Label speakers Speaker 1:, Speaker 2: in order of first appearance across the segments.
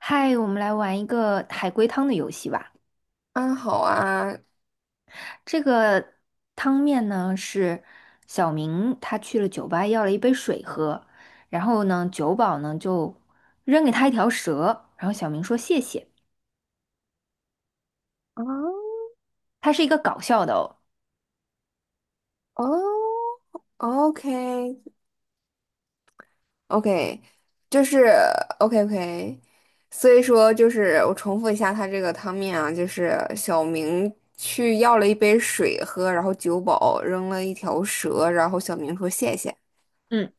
Speaker 1: 嗨，我们来玩一个海龟汤的游戏吧。
Speaker 2: 安好啊，
Speaker 1: 这个汤面呢是小明他去了酒吧要了一杯水喝，然后呢酒保呢就扔给他一条蛇，然后小明说谢谢。
Speaker 2: 啊
Speaker 1: 它是一个搞笑的哦。
Speaker 2: 哦，OK OK，就是 OK OK，所以说就是我重复一下他这个汤面啊，就是小明去要了一杯水喝，然后酒保扔了一条蛇，然后小明说谢谢。
Speaker 1: 嗯，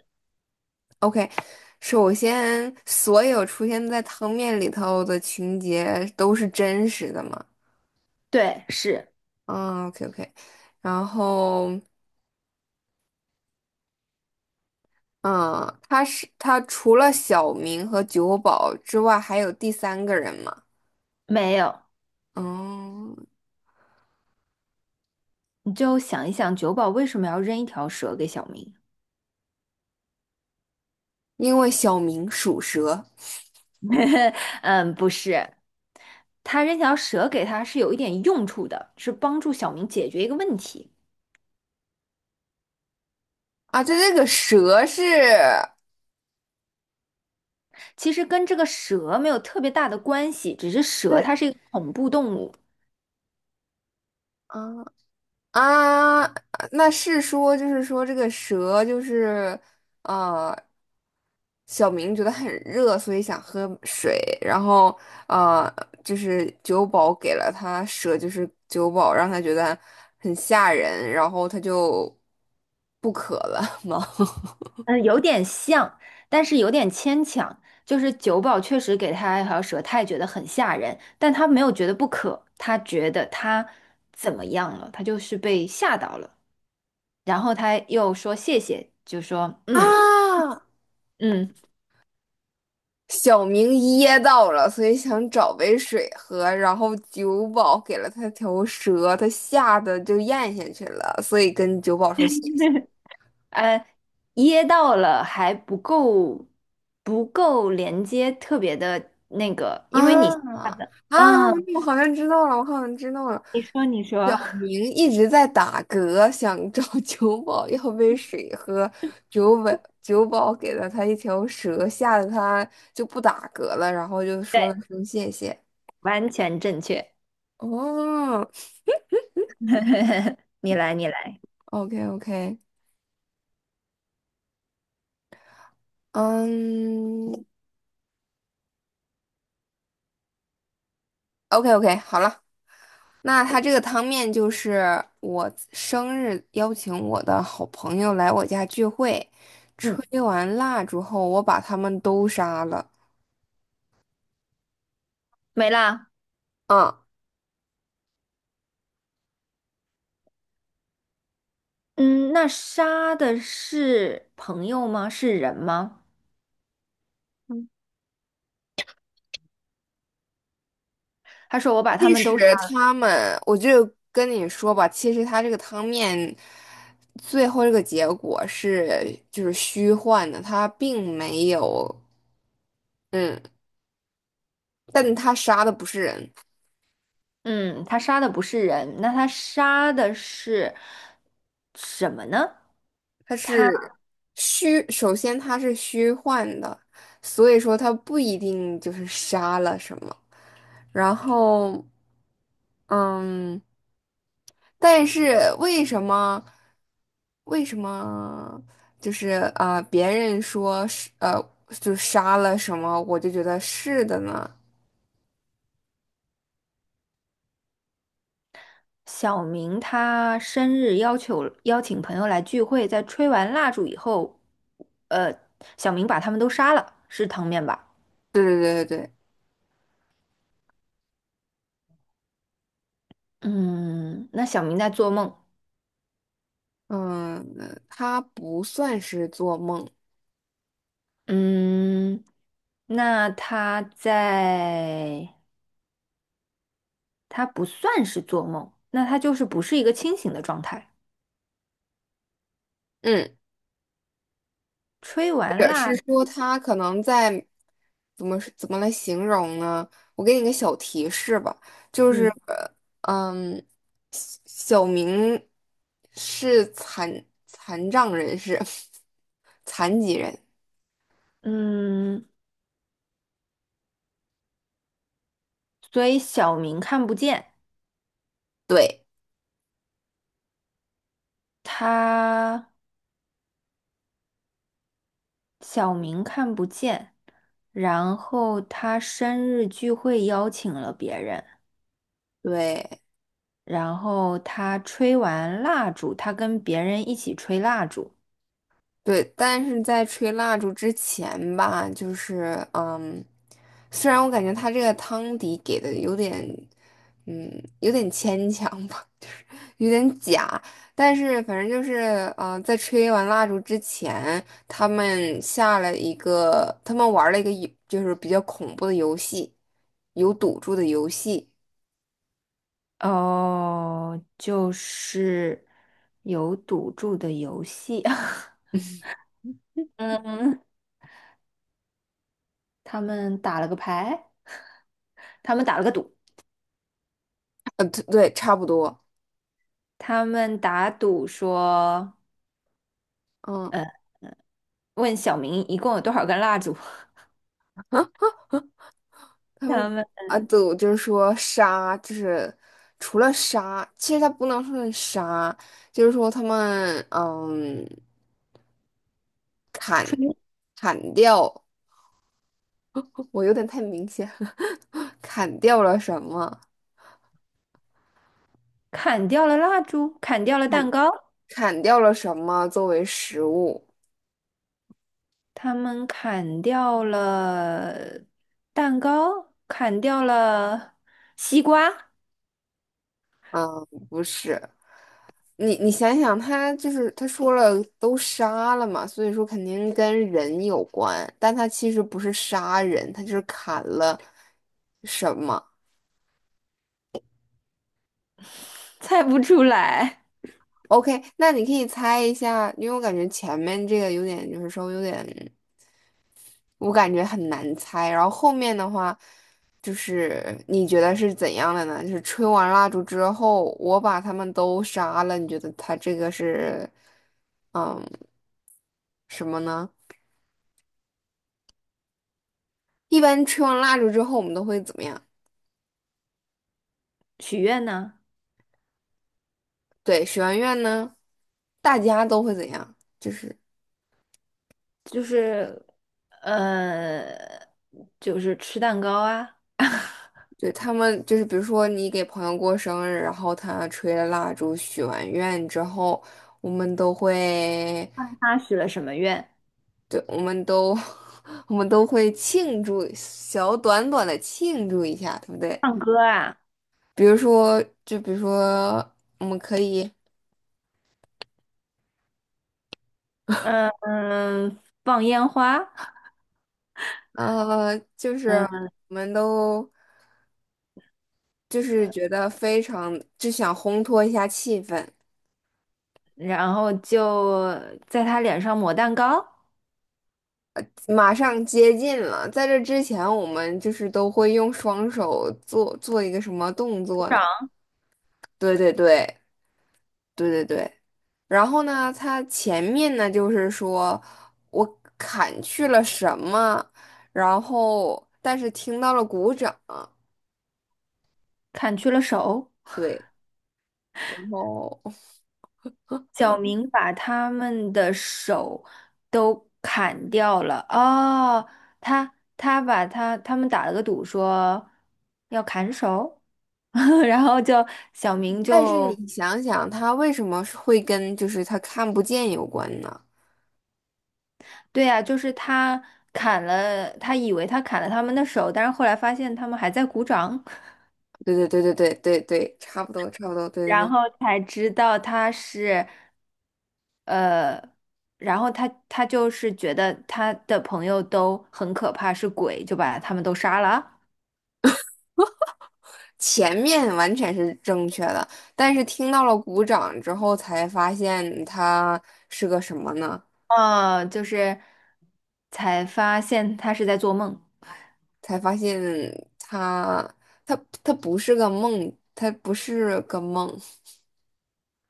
Speaker 2: OK，首先所有出现在汤面里头的情节都是真实的嘛？
Speaker 1: 对，是
Speaker 2: 啊 OK，然后。嗯，他除了小明和酒保之外，还有第三个人吗？
Speaker 1: 没有。
Speaker 2: 嗯，
Speaker 1: 你就想一想，酒保为什么要扔一条蛇给小明？
Speaker 2: 因为小明属蛇
Speaker 1: 嗯，不是，他扔条蛇给他是有一点用处的，是帮助小明解决一个问题。
Speaker 2: 啊，这个蛇是，
Speaker 1: 其实跟这个蛇没有特别大的关系，只是蛇
Speaker 2: 对，
Speaker 1: 它是一个恐怖动物。
Speaker 2: 啊，啊，那是说，就是说这个蛇就是，呃，小明觉得很热，所以想喝水，然后呃，就是酒保给了他蛇，就是酒保让他觉得很吓人，然后他就不渴了吗？
Speaker 1: 嗯，有点像，但是有点牵强。就是九宝确实给他一条蛇，他也觉得很吓人，但他没有觉得不可，他觉得他怎么样了？他就是被吓到了，然后他又说谢谢，就说 嗯
Speaker 2: 啊，
Speaker 1: 嗯，
Speaker 2: 小明噎到了，所以想找杯水喝，然后酒保给了他条蛇，他吓得就咽下去了，所以跟酒保说谢谢。
Speaker 1: 呃，噎到了还不够，不够连接，特别的，
Speaker 2: 啊
Speaker 1: 好的
Speaker 2: 啊！
Speaker 1: 嗯，
Speaker 2: 我好像知道了，我好像知道了。
Speaker 1: 你说你说。
Speaker 2: 小 明一直在打嗝，想找 酒保要杯水喝，酒宝酒保给了他一条蛇，吓得他就不打嗝了，然后就
Speaker 1: 对，
Speaker 2: 说了声谢谢。
Speaker 1: 完全正确。
Speaker 2: 哦
Speaker 1: 你来，你来，
Speaker 2: ，OK OK，嗯，OK OK，好了，那他这个汤面就是我生日邀请我的好朋友来我家聚会。
Speaker 1: 嗯，
Speaker 2: 吹完蜡烛后，我把他们都杀了。
Speaker 1: 没啦。
Speaker 2: 嗯，
Speaker 1: 嗯，那杀的是朋友吗？是人吗？他说我把他
Speaker 2: 其
Speaker 1: 们
Speaker 2: 实
Speaker 1: 都杀。
Speaker 2: 他们，我就跟你说吧，其实他这个汤面最后这个结果是就是虚幻的，他并没有，嗯，但他杀的不是人。
Speaker 1: 嗯，他杀的不是人，那他杀的是什么呢？
Speaker 2: 它
Speaker 1: 他
Speaker 2: 是虚，首先它是虚幻的，所以说它不一定就是杀了什么。然后，嗯，但是为什么就是啊、别人说是就杀了什么，我就觉得是的呢？
Speaker 1: 小明他生日要求邀请朋友来聚会，在吹完蜡烛以后，呃，小明把他们都杀了，是汤面吧？
Speaker 2: 对对对对对，
Speaker 1: 嗯，那小明在做梦。
Speaker 2: 嗯，它不算是做梦，
Speaker 1: 嗯，那他在。他不算是做梦，那他就是不是一个清醒的状态。
Speaker 2: 嗯。
Speaker 1: 吹完
Speaker 2: 者
Speaker 1: 蜡，
Speaker 2: 是说他可能在怎么来形容呢？我给你个小提示吧，就是
Speaker 1: 嗯
Speaker 2: 嗯，小明是残障人士，残疾人，
Speaker 1: 嗯，所以小明看不见，
Speaker 2: 对
Speaker 1: 他小明看不见，然后他生日聚会邀请了别人，
Speaker 2: 对。
Speaker 1: 然后他吹完蜡烛，他跟别人一起吹蜡烛。
Speaker 2: 对，但是在吹蜡烛之前吧，就是嗯，虽然我感觉他这个汤底给的有点，嗯，有点牵强吧，就是有点假，但是反正就是嗯，在吹完蜡烛之前，他们玩了一个就是比较恐怖的游戏，有赌注的游戏，
Speaker 1: 哦，就是有赌注的游戏。嗯，他们打了个牌。他们打了个赌，
Speaker 2: 对，对差不多，
Speaker 1: 他们打赌说，
Speaker 2: 嗯。
Speaker 1: 呃，问小明一共有多少根蜡烛。他们
Speaker 2: 啊，对，我就是说杀，就是除了杀，其实他不能说是杀，就是说他们砍
Speaker 1: 吹
Speaker 2: 砍掉，我有点太明显了，砍掉了什么？
Speaker 1: 砍掉了蜡烛，砍掉了蛋
Speaker 2: 砍
Speaker 1: 糕，
Speaker 2: 砍掉了什么作为食物？
Speaker 1: 他们砍掉了蛋糕，砍掉了西瓜。
Speaker 2: 嗯，不是，你想想，他就是他说了都杀了嘛，所以说肯定跟人有关，但他其实不是杀人，他就是砍了什么。
Speaker 1: 猜不出来。
Speaker 2: OK，那你可以猜一下，因为我感觉前面这个有点，就是稍微有点，我感觉很难猜。然后后面的话，就是你觉得是怎样的呢？就是吹完蜡烛之后，我把他们都杀了，你觉得他这个是，嗯，什么呢？一般吹完蜡烛之后，我们都会怎么样？
Speaker 1: 许愿呢，
Speaker 2: 对，许完愿呢，大家都会怎样？就是。
Speaker 1: 就是呃，就是吃蛋糕啊，
Speaker 2: 对，他们就是，比如说你给朋友过生日，然后他吹了蜡烛、许完愿之后，我们都会，
Speaker 1: 他许了什么愿？
Speaker 2: 对，我们都，我们都会庆祝，小短短的庆祝一下，对不对？
Speaker 1: 唱歌啊，
Speaker 2: 比如说，就比如说，我们可以，
Speaker 1: 嗯，放烟花。
Speaker 2: 就是我们都就是觉得非常，就想烘托一下气氛。
Speaker 1: 然后就在他脸上抹蛋糕，
Speaker 2: 马上接近了，在这之前，我们就是都会用双手做一个什么动
Speaker 1: 鼓
Speaker 2: 作
Speaker 1: 掌，
Speaker 2: 呢？对对对对对对。然后呢，他前面呢就是说我砍去了什么，然后但是听到了鼓掌，
Speaker 1: 砍去了手。
Speaker 2: 对，然后
Speaker 1: 小明把他们的手都砍掉了。哦，他他把他他们打了个赌，说要砍手。然后就小明
Speaker 2: 但是
Speaker 1: 就
Speaker 2: 你想想，他为什么是会跟就是他看不见有关呢？
Speaker 1: 对呀、就是他砍了，他以为他砍了他们的手，但是后来发现他们还在鼓掌。
Speaker 2: 对对对对对对对，差不多差不多，对对
Speaker 1: 然
Speaker 2: 对。
Speaker 1: 后才知道他是，呃，然后他他就是觉得他的朋友都很可怕，是鬼，就把他们都杀了。
Speaker 2: 前面完全是正确的，但是听到了鼓掌之后，才发现它是个什么呢？
Speaker 1: 哦，就是才发现他是在做梦。
Speaker 2: 才发现它，它，它不是个梦，它不是个梦，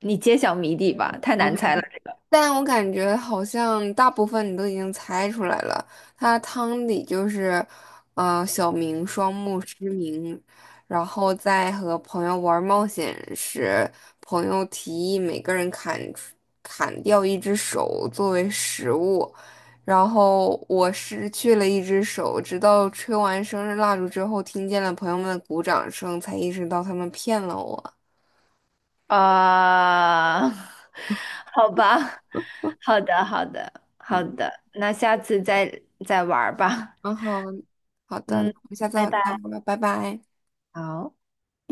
Speaker 1: 你揭晓谜底吧，太难猜了。
Speaker 2: 但我感觉好像大部分你都已经猜出来了，他汤底就是，小明双目失明，然后在和朋友玩冒险时，朋友提议每个人砍掉一只手作为食物，然后我失去了一只手，直到吹完生日蜡烛之后，听见了朋友们的鼓掌声，才意识到他们骗了我。
Speaker 1: 啊、好吧，好的，好的，好
Speaker 2: 嗯，
Speaker 1: 的，那下次再再玩儿吧。
Speaker 2: 然后好的，我们
Speaker 1: 嗯，
Speaker 2: 下次
Speaker 1: 拜
Speaker 2: 再
Speaker 1: 拜。
Speaker 2: 聊吧，拜拜。
Speaker 1: 好。